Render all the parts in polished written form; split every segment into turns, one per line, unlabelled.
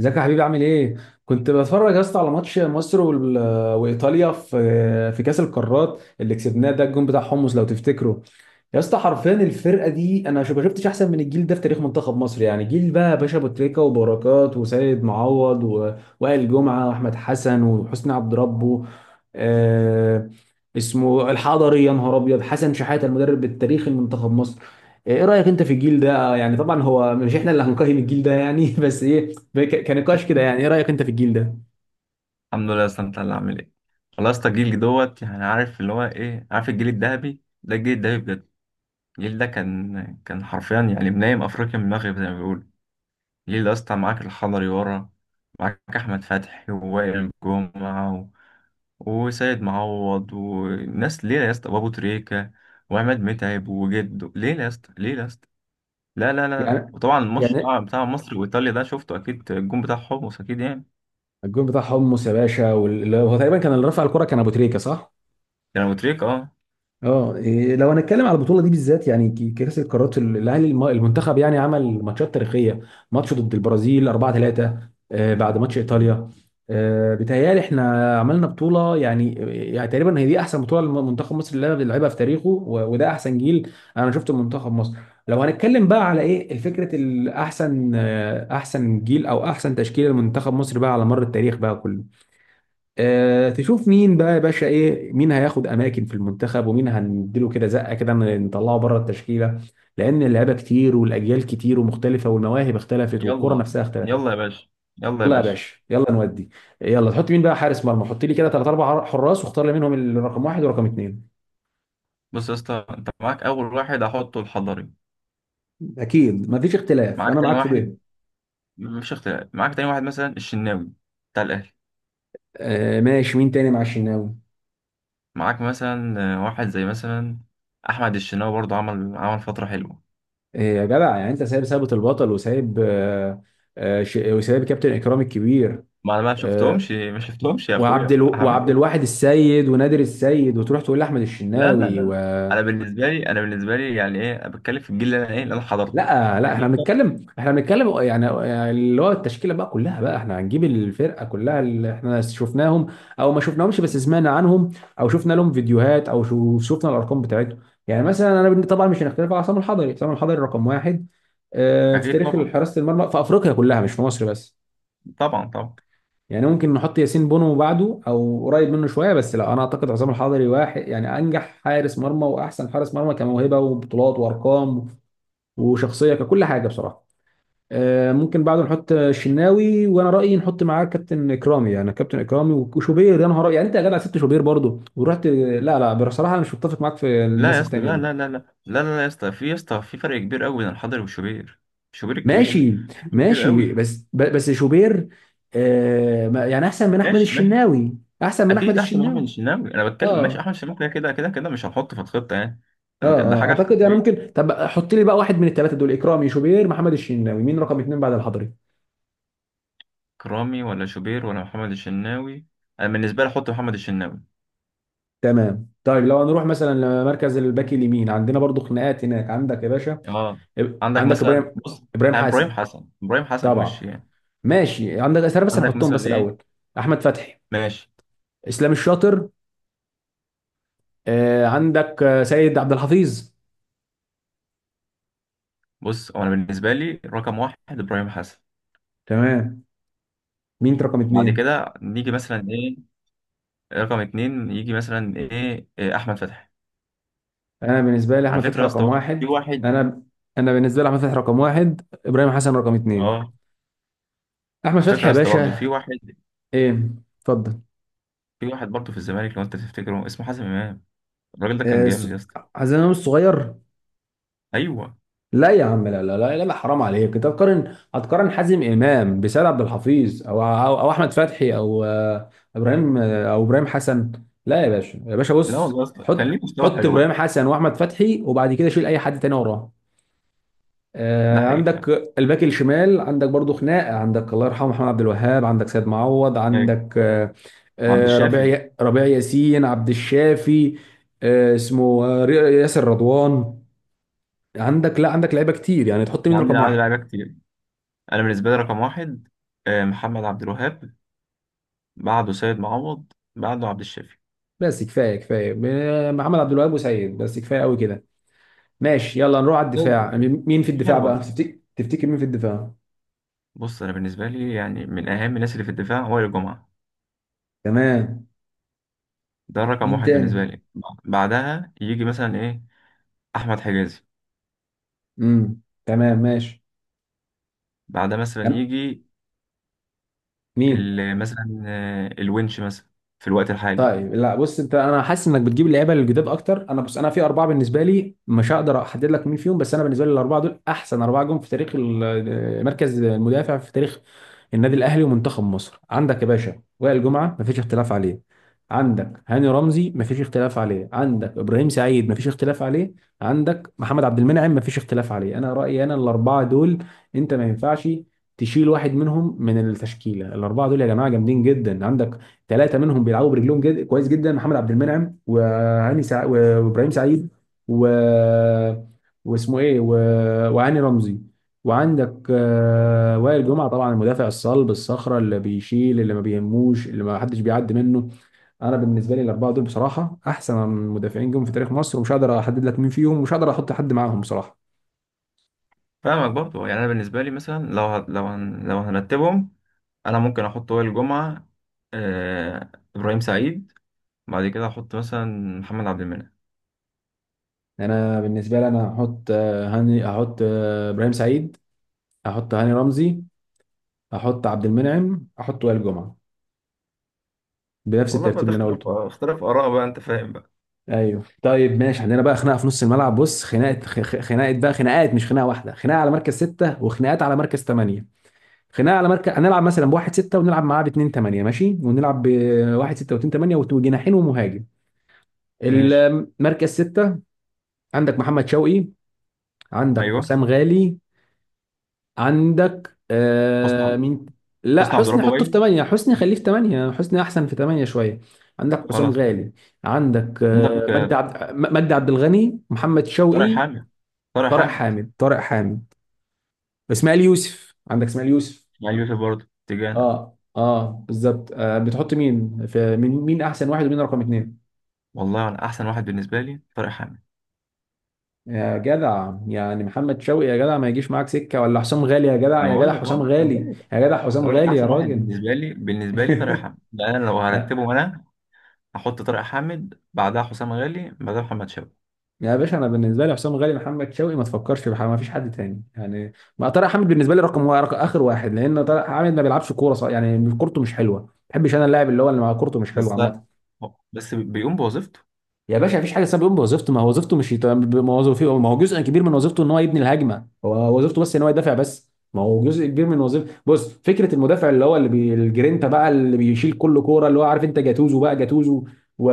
ازيك يا حبيبي عامل ايه؟ كنت بتفرج يا اسطى على ماتش مصر وايطاليا في كاس القارات اللي كسبناه ده الجون بتاع حمص لو تفتكره. يا اسطى حرفيا الفرقه دي انا ما شفتش احسن من الجيل ده في تاريخ منتخب مصر، يعني جيل بقى باشا ابو تريكه وبركات وسيد معوض وائل جمعه واحمد حسن وحسني عبد ربه. آه، اسمه الحضري، يا نهار ابيض، حسن شحاته المدرب التاريخي لمنتخب مصر. ايه رايك انت في الجيل ده؟ يعني طبعا هو مش احنا اللي هنقيم الجيل ده يعني بس ايه، كنقاش كده، يعني ايه رايك انت في الجيل ده؟
الحمد لله يا اسطى، انت اللي عامل ايه؟ والله يا اسطى جيلي دوت، يعني عارف اللي هو ايه، عارف الجيل الذهبي ده، الجيل الذهبي بجد. الجيل ده كان حرفيا، يعني منايم افريقيا من المغرب زي ما بيقولوا. الجيل ده يا اسطى معاك الحضري ورا، معاك احمد فتحي ووائل جمعه و... وسيد معوض وناس ليله يا اسطى، وابو تريكه وعماد متعب وجده ليله يا اسطى، ليله يا اسطى. لا لا لا،
يعني
وطبعا الماتش
يعني
بتاع مصر وايطاليا ده شفته اكيد، الجون بتاع حمص اكيد يعني.
الجول بتاع حمص يا باشا، واللي هو تقريبا كان اللي رفع الكرة كان ابو تريكة، صح؟
كان ابو تريكه، اه.
اه إيه، لو هنتكلم على البطوله دي بالذات، يعني كاس القارات، الاهلي، المنتخب يعني عمل ماتشات تاريخيه، ماتش ضد البرازيل 4-3 بعد ماتش ايطاليا. بيتهيألي احنا عملنا بطوله يعني، يعني تقريبا هي دي احسن بطوله لمنتخب مصر اللي لعبها في تاريخه، وده احسن جيل انا شفته منتخب مصر. لو هنتكلم بقى على ايه الفكره الاحسن، احسن جيل او احسن تشكيله لمنتخب مصر بقى على مر التاريخ بقى كله. تشوف مين بقى يا باشا، ايه مين هياخد اماكن في المنتخب، ومين هنديله كده زقه كده نطلعه بره التشكيله، لان اللعيبه كتير والاجيال كتير ومختلفه والمواهب اختلفت والكره
يلا،
نفسها اختلفت.
يلا يا باشا، يلا يا
يلا يا
باشا.
باشا يلا نودي، يلا تحط مين بقى حارس مرمى، حط لي كده ثلاث اربع حراس واختار لي منهم الرقم واحد ورقم اثنين.
بص يا اسطى، انت معاك اول واحد هحطه الحضري.
اكيد ما فيش اختلاف وانا
معاك تاني
معاك في ده.
واحد. مفيش اختلاف، معاك تاني واحد مثلا الشناوي بتاع الاهلي.
آه ماشي، مين تاني مع الشناوي؟
معاك مثلا واحد زي مثلا احمد الشناوي، برضه عمل فتره حلوه.
آه يا جدع، يعني انت سايب ثابت البطل، وسايب آه، آه، وسايب كابتن اكرامي الكبير،
ما انا ما شفتهمش، ما شفتهمش يا اخويا، هعمل
وعبد
ايه.
الواحد السيد ونادر السيد، وتروح تقول لاحمد
لا لا
الشناوي و...
لا، انا بالنسبه لي يعني ايه، أنا بتكلم في الجيل اللي انا ايه، اللي انا حضرته،
لا لا،
لكن
احنا
انت.
بنتكلم احنا بنتكلم يعني، يعني اللي هو التشكيله بقى كلها بقى، احنا هنجيب الفرقه كلها اللي احنا شفناهم او ما شفناهمش بس سمعنا عنهم، او شفنا لهم فيديوهات او شفنا الارقام بتاعتهم. يعني مثلا انا طبعا مش هنختلف على عصام الحضري، عصام الحضري رقم واحد في
اكيد
تاريخ
طبعا،
حراسه المرمى في افريقيا كلها مش في مصر بس.
طبعا طبعا.
يعني ممكن نحط ياسين بونو بعده او قريب منه شويه، بس لا، انا اعتقد عصام الحضري واحد يعني انجح حارس مرمى واحسن حارس مرمى كموهبه وبطولات وارقام وشخصيه ككل حاجه بصراحه. ممكن بعده نحط الشناوي، وانا رايي نحط معاه كابتن اكرامي، يعني كابتن اكرامي وشوبير، يا نهار أبيض. يعني انت يا جدع سبت شوبير برضه ورحت؟ لا لا، بصراحه انا مش متفق معاك في
لا يا
الناس
اسطى،
التانيه
لا
دي.
لا لا لا لا لا لا، يا اسطى في فرق كبير قوي بين الحضري والشوبير، الشوبير الكبير،
ماشي
فرق كبير
ماشي،
قوي.
بس شوبير يعني احسن من احمد
ماشي، ماشي.
الشناوي، احسن من احمد
اكيد احسن من احمد
الشناوي.
الشناوي، انا بتكلم ماشي،
اه،
احمد الشناوي كده كده كده كده مش هنحطه في الخطه يعني.
اه،
ده
اه
حاجه
اعتقد يعني
احتماليه.
ممكن. طب حط لي بقى واحد من الثلاثه دول: اكرامي، شوبير، محمد الشناوي، مين رقم اتنين بعد الحضري؟
كرامي ولا شوبير ولا محمد الشناوي؟ انا بالنسبه لي احط محمد الشناوي.
تمام. طيب لو هنروح مثلا لمركز الباك اليمين، عندنا برضو خناقات هناك عندك يا باشا.
اه،
إب-
عندك
عندك
مثلا،
ابراهيم،
بص،
ابراهيم
انا ابراهيم
حسن
حسن، ابراهيم حسن وش
طبعا.
يعني.
ماشي، عندك اسامه، بس
عندك
هنحطهم
مثلا
بس
ايه،
الاول: احمد فتحي،
ماشي.
اسلام الشاطر، آه عندك سيد عبد الحفيظ.
بص، هو انا بالنسبه لي رقم واحد ابراهيم حسن.
تمام، مين رقم
بعد
اتنين؟
كده نيجي مثلا ايه، رقم اتنين يجي مثلا ايه إيه، احمد فتحي.
انا بالنسبه لي
على
احمد
فكره
فتحي
يا اسطى،
رقم
برضه في
واحد.
واحد.
انا، انا بالنسبه لي احمد فتحي رقم واحد، ابراهيم حسن رقم اتنين.
اه،
احمد
على فكره
فتحي
يا
يا
اسطى برضه
باشا.
في واحد
ايه، اتفضل.
في واحد برضه في الزمالك، لو انت تفتكره، اسمه حازم امام. الراجل ده كان
آه،
جامد يا
س-
اسطى.
حازم امام الصغير؟
ايوه.
لا يا عم، لا، حرام عليك، انت هتقارن حازم امام بسيد عبد الحفيظ أو احمد فتحي او ابراهيم، او ابراهيم حسن؟ لا يا باشا، يا باشا
لا والله
بص،
يا اسطى، كان
حط
ليه مستوى
حط
حلو برضه،
ابراهيم حسن واحمد فتحي، وبعد كده شيل اي حد تاني وراه.
ده حقيقي فعلا.
عندك الباك الشمال، عندك برضو خناقه، عندك الله يرحمه محمد عبد الوهاب، عندك سيد معوض،
ايوه،
عندك
عبد
ربيع
الشافي.
ربيع ياسين، عبد الشافي، اسمه ياسر رضوان. عندك، لا عندك لعيبه كتير، يعني تحط
اللي
مين
عندي
رقم
عدد
واحد؟
لعيبه كتير. انا بالنسبه لي رقم واحد محمد عبد الوهاب، بعده سيد معوض، بعده عبد الشافي.
بس كفايه كفايه، محمد عبد الوهاب وسيد، بس كفايه قوي كده. ماشي، يلا نروح على
طيب،
الدفاع. مين مين في الدفاع
حلو
بقى؟
برضه.
تفتكر، تفتكر مين في الدفاع؟
بص، انا بالنسبه لي يعني من اهم الناس اللي في الدفاع هو وائل جمعه،
تمام،
ده رقم
مين
واحد بالنسبة
تاني؟
لي. بعدها يجي مثلا ايه، احمد حجازي.
امم، تمام ماشي.
بعدها مثلا
أنا-
يجي
مين؟
مثلا الونش مثلا، في الوقت الحالي.
طيب لا بص، انت انا حاسس انك بتجيب اللعيبه الجداد اكتر. انا بص انا في اربعه بالنسبه لي مش هقدر احدد لك مين فيهم، بس انا بالنسبه لي الاربعه دول احسن اربعه جم في تاريخ مركز المدافع في تاريخ النادي الاهلي ومنتخب مصر. عندك يا باشا وائل جمعه مفيش اختلاف عليه، عندك هاني رمزي مفيش اختلاف عليه، عندك ابراهيم سعيد مفيش اختلاف عليه، عندك محمد عبد المنعم مفيش اختلاف عليه. انا رايي انا الاربعه دول، انت ما ينفعش تشيل واحد منهم من التشكيله. الاربعه دول يا جماعه جامدين جدا. عندك ثلاثه منهم بيلعبوا برجلهم كويس جدا: محمد عبد المنعم، وابراهيم سعيد، و... واسمه ايه و... وهاني رمزي، وعندك وائل جمعه طبعا المدافع الصلب الصخره اللي بيشيل، اللي ما بيهموش، اللي ما حدش بيعدي منه. انا بالنسبه لي الاربعه دول بصراحه احسن مدافعين جم في تاريخ مصر، ومش هقدر احدد لك مين فيهم، ومش هقدر احط حد معاهم بصراحه.
فاهمك برضو، يعني انا بالنسبة لي مثلا لو هت- لو هن- لو هنرتبهم، انا ممكن احط وائل الجمعة، ابراهيم سعيد، بعد كده احط مثلا محمد عبد المنعم.
يعني انا بالنسبه لي انا هحط آه، هاني هحط آه، ابراهيم سعيد، هحط هاني رمزي، هحط عبد المنعم، هحط وائل جمعه، بنفس
والله بقى
الترتيب
ده
اللي انا
اختلاف
قلته ده.
اختلاف اراء بقى، انت فاهم بقى.
ايوه طيب ماشي، عندنا بقى خناقه في نص الملعب، بص خناقه بقى، خناقات مش خناقه واحده، خناقه على مركز سته وخناقات على مركز ثمانيه. خناقه على مركز، هنلعب مثلا بواحد سته ونلعب معاه باتنين ثمانيه، ماشي، ونلعب بواحد سته واتنين ثمانيه وجناحين ومهاجم.
ماشي.
المركز سته: عندك محمد شوقي، عندك
ايوه،
حسام غالي، عندك آه
حسني
مين؟ لا
حسني عبد
حسني
ربه
حطه في
باين.
8، حسني خليه في 8، حسني احسن في 8 شويه. عندك حسام
خلاص.
غالي، عندك آه
عندك
مجدي مجدي عبد الغني، محمد
طارق
شوقي،
حامد، طارق
طارق
حامد.
حامد طارق حامد اسماعيل يوسف، عندك اسماعيل يوسف.
يعني في برضه اتجاهنا.
اه اه بالظبط، آه بتحط مين في مين، مين احسن واحد ومين رقم اتنين؟
والله انا احسن واحد بالنسبه لي طارق حامد.
يا جدع يعني محمد شوقي، يا جدع ما يجيش معاك سكه، ولا حسام غالي، يا جدع
انا
يا جدع
بقول لك،
حسام
أنا
غالي،
جاي.
يا جدع حسام
بقول لك
غالي يا
احسن واحد
راجل.
بالنسبه لي، طارق حامد. يعني انا لو هرتبهم، انا هحط طارق حامد، بعدها حسام غالي، بعدها محمد شابة.
يا باشا انا بالنسبه لي حسام غالي، محمد شوقي، ما تفكرش بحاجه، ما فيش حد تاني يعني. ما طارق حامد بالنسبه لي رقم واحد، رقم اخر واحد، لان طارق حامد ما بيلعبش كوره صح، يعني كورته مش حلوه، ما بحبش انا اللاعب اللي هو اللي مع كورته مش حلوه
بس ده
عامه.
بس بيقوم بوظيفته.
يا باشا مفيش حاجه اسمها بيقوم بوظيفته، ما هو وظيفته مش يت... ما هو وظيفته ما هو جزء كبير من وظيفته ان هو يبني الهجمه، هو وظيفته بس ان هو يدافع بس؟ ما هو جزء كبير من وظيفته. بص فكره المدافع اللي هو الجرينتا بقى، اللي بيشيل كل كوره، اللي هو عارف انت جاتوزو بقى، جاتوزو و...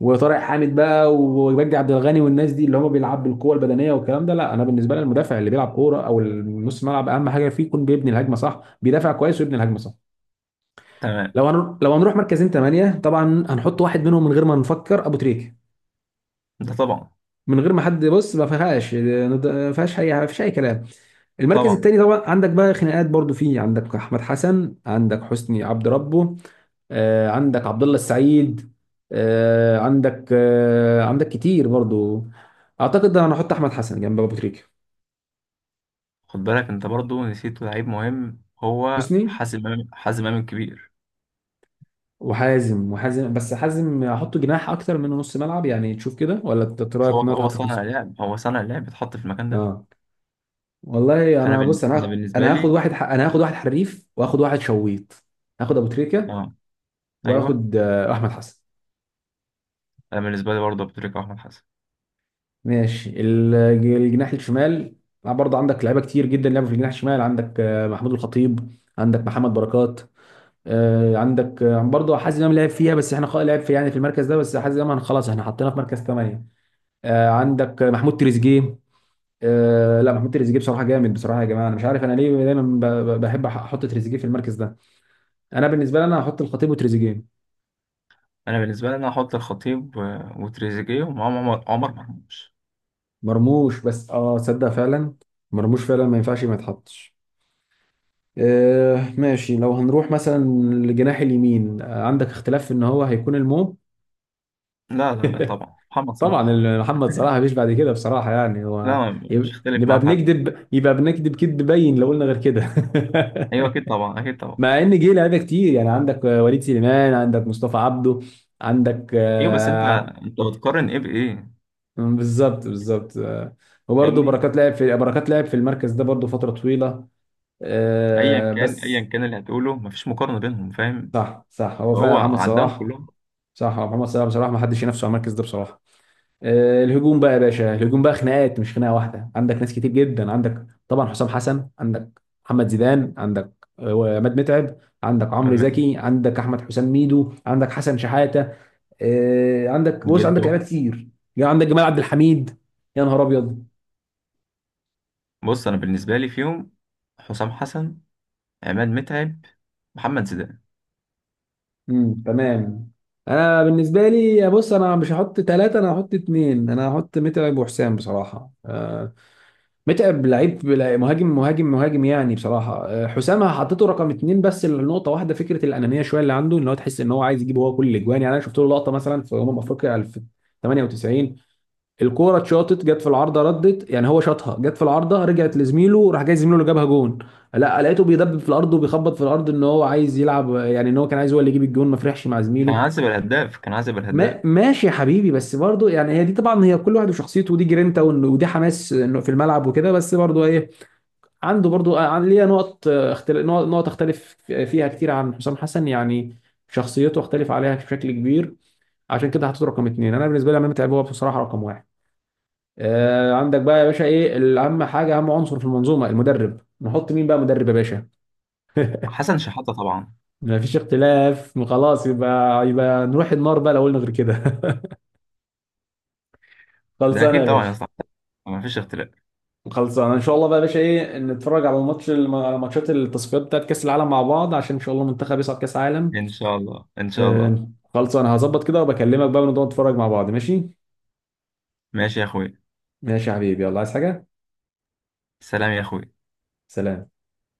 وطارق حامد بقى، ومجدي عبد الغني، والناس دي اللي هم بيلعب بالقوه البدنيه والكلام ده. لا انا بالنسبه لي المدافع اللي بيلعب كوره او النص ملعب اهم حاجه فيه يكون بيبني الهجمه صح، بيدافع كويس ويبني الهجمه صح.
تمام.
لو هنروح مركزين ثمانيه، طبعا هنحط واحد منهم من غير ما نفكر: ابو تريكه.
ده طبعا،
من غير ما حد بص، ما فيهاش يعني، ما فيش اي كلام. المركز
طبعا.
التاني طبعا عندك بقى خناقات برضو فيه، عندك احمد حسن، عندك حسني عبد ربه، عندك عبد الله السعيد، عندك كتير برضو. اعتقد انا هحط احمد حسن جنب ابو تريكه.
خد بالك، انت برضو نسيت لعيب مهم، هو
حسني،
حازم امام، حازم امام الكبير.
وحازم، وحازم، بس حازم احطه جناح اكتر من نص ملعب يعني، تشوف كده، ولا انت رايك
هو
ان هو
هو
يتحط في
صانع
نص؟
لعب، هو صانع لعب، اتحط في المكان ده.
اه. والله انا بص،
أنا بالنسبه
انا هاخد
لي،
انا هاخد واحد حريف، واخد واحد شويط. هاخد ابو تريكه،
اه، ايوه،
واخد احمد حسن.
انا بالنسبه لي برضه أبو تريكة واحمد حسن.
ماشي الجناح الشمال، برضه عندك لعيبه كتير جدا لعبوا في الجناح الشمال، عندك محمود الخطيب، عندك محمد بركات، آه، عندك آه، برضه حازم امام لعب فيها، بس احنا لعب في يعني في المركز ده، بس حازم امام خلاص احنا حطيناه في مركز ثمانية. آه، عندك آه، محمود تريزيجيه. لا محمود تريزيجيه بصراحه جامد، بصراحه يا جماعه انا مش عارف انا ليه دايما بحب احط تريزيجيه في المركز ده. انا بالنسبه لي انا هحط الخطيب وتريزيجيه.
انا بالنسبه لي انا هحط الخطيب وتريزيجيه، ومعاهم عمر مرموش.
مرموش، بس اه صدق فعلا، مرموش فعلا ما ينفعش ما يتحطش. آه ماشي، لو هنروح مثلا للجناح اليمين، آه عندك اختلاف في ان هو هيكون المو...
لا لا لا، طبعا محمد
طبعا
صلاح.
محمد صلاح مفيش بعد كده بصراحة، يعني هو...
لا، مش هختلف
نبقى
معاه حاجه.
بنكذب، يبقى بنكذب كذب باين لو قلنا غير كده.
ايوه اكيد طبعا، اكيد طبعا.
مع ان جه لعيبه كتير، يعني عندك وليد سليمان، عندك مصطفى عبده، عندك
ايوه، بس انت
آه،
انت بتقارن ايه بايه.
بالظبط بالظبط وبرضه
فاهمني،
بركات لعب في، بركات لعب في المركز ده برضه فترة طويلة.
ايا كان،
بس
ايا كان اللي هتقوله، مفيش مقارنه بينهم، فاهم،
صح صح هو فعلا
فهو
محمد
عندهم
صلاح،
كلهم.
صح هو محمد صلاح بصراحه ما حدش ينافسه على المركز ده بصراحه. الهجوم بقى يا باشا، الهجوم بقى خناقات مش خناقه واحده، عندك ناس كتير جدا، عندك طبعا حسام حسن، عندك محمد زيدان، عندك عماد متعب، عندك عمرو
عماد متعب،
زكي، عندك احمد حسام ميدو، عندك حسن شحاته. عندك بص عندك
جده.
لعيبه كتير يعني، عندك جمال عبد الحميد، يا نهار ابيض.
بص انا بالنسبه لي فيهم حسام حسن، عماد متعب، محمد زيدان.
امم، تمام. انا بالنسبه لي بص، انا مش هحط ثلاثه انا هحط اثنين، انا هحط متعب وحسام بصراحه. متعب لعيب مهاجم مهاجم مهاجم يعني بصراحه. حسام حطيته رقم اتنين بس لنقطه واحده، فكره الانانيه شويه اللي عنده، ان هو تحس ان هو عايز يجيب هو كل الاجوان. يعني انا شفت له لقطه مثلا في افريقيا 98، الكوره اتشاطت جت في العارضه ردت، يعني هو شاطها جت في العارضه رجعت لزميله، راح جاي زميله اللي جابها جون، لا لقيته بيدبب في الارض وبيخبط في الارض ان هو عايز يلعب، يعني ان هو كان عايز هو اللي يجيب الجون، ما فرحش مع
كان
زميله.
عازب الهداف، كان عازب الهداف.
ما ماشي يا حبيبي، بس برضه يعني هي دي طبعا، هي كل واحد وشخصيته، ودي جرينتا، ودي حماس إنه في الملعب وكده. بس برضه ايه، عنده برضو آه، عن ليا نقط اختلاف، نقط اختلف فيها كتير عن حسام حسن يعني، شخصيته اختلف عليها بشكل كبير، عشان كده حطيته رقم اتنين. انا بالنسبه لي امام، متعب هو بصراحه رقم واحد. آه عندك بقى يا باشا ايه الاهم حاجه، اهم عنصر في المنظومه المدرب، نحط مين بقى مدرب يا باشا؟
حسن شحاته طبعا.
ما فيش اختلاف خلاص، يبقى نروح النار بقى لو قلنا غير كده.
ده
خلصانه
اكيد
يا
طبعا يا
باشا،
اسطى، مفيش اختلاف.
خلصانه ان شاء الله بقى يا باشا. ايه، نتفرج على على ماتشات التصفيات بتاعت كاس العالم مع بعض، عشان ان شاء الله المنتخب يصعد كاس عالم.
ان شاء الله، ان شاء الله.
آه، خلص، انا هظبط كده وبكلمك بقى ونقعد نتفرج مع بعض، ماشي؟
ماشي يا اخوي.
ماشي يا حبيبي، يلا. عايز حاجة؟
سلام يا اخوي.
سلام.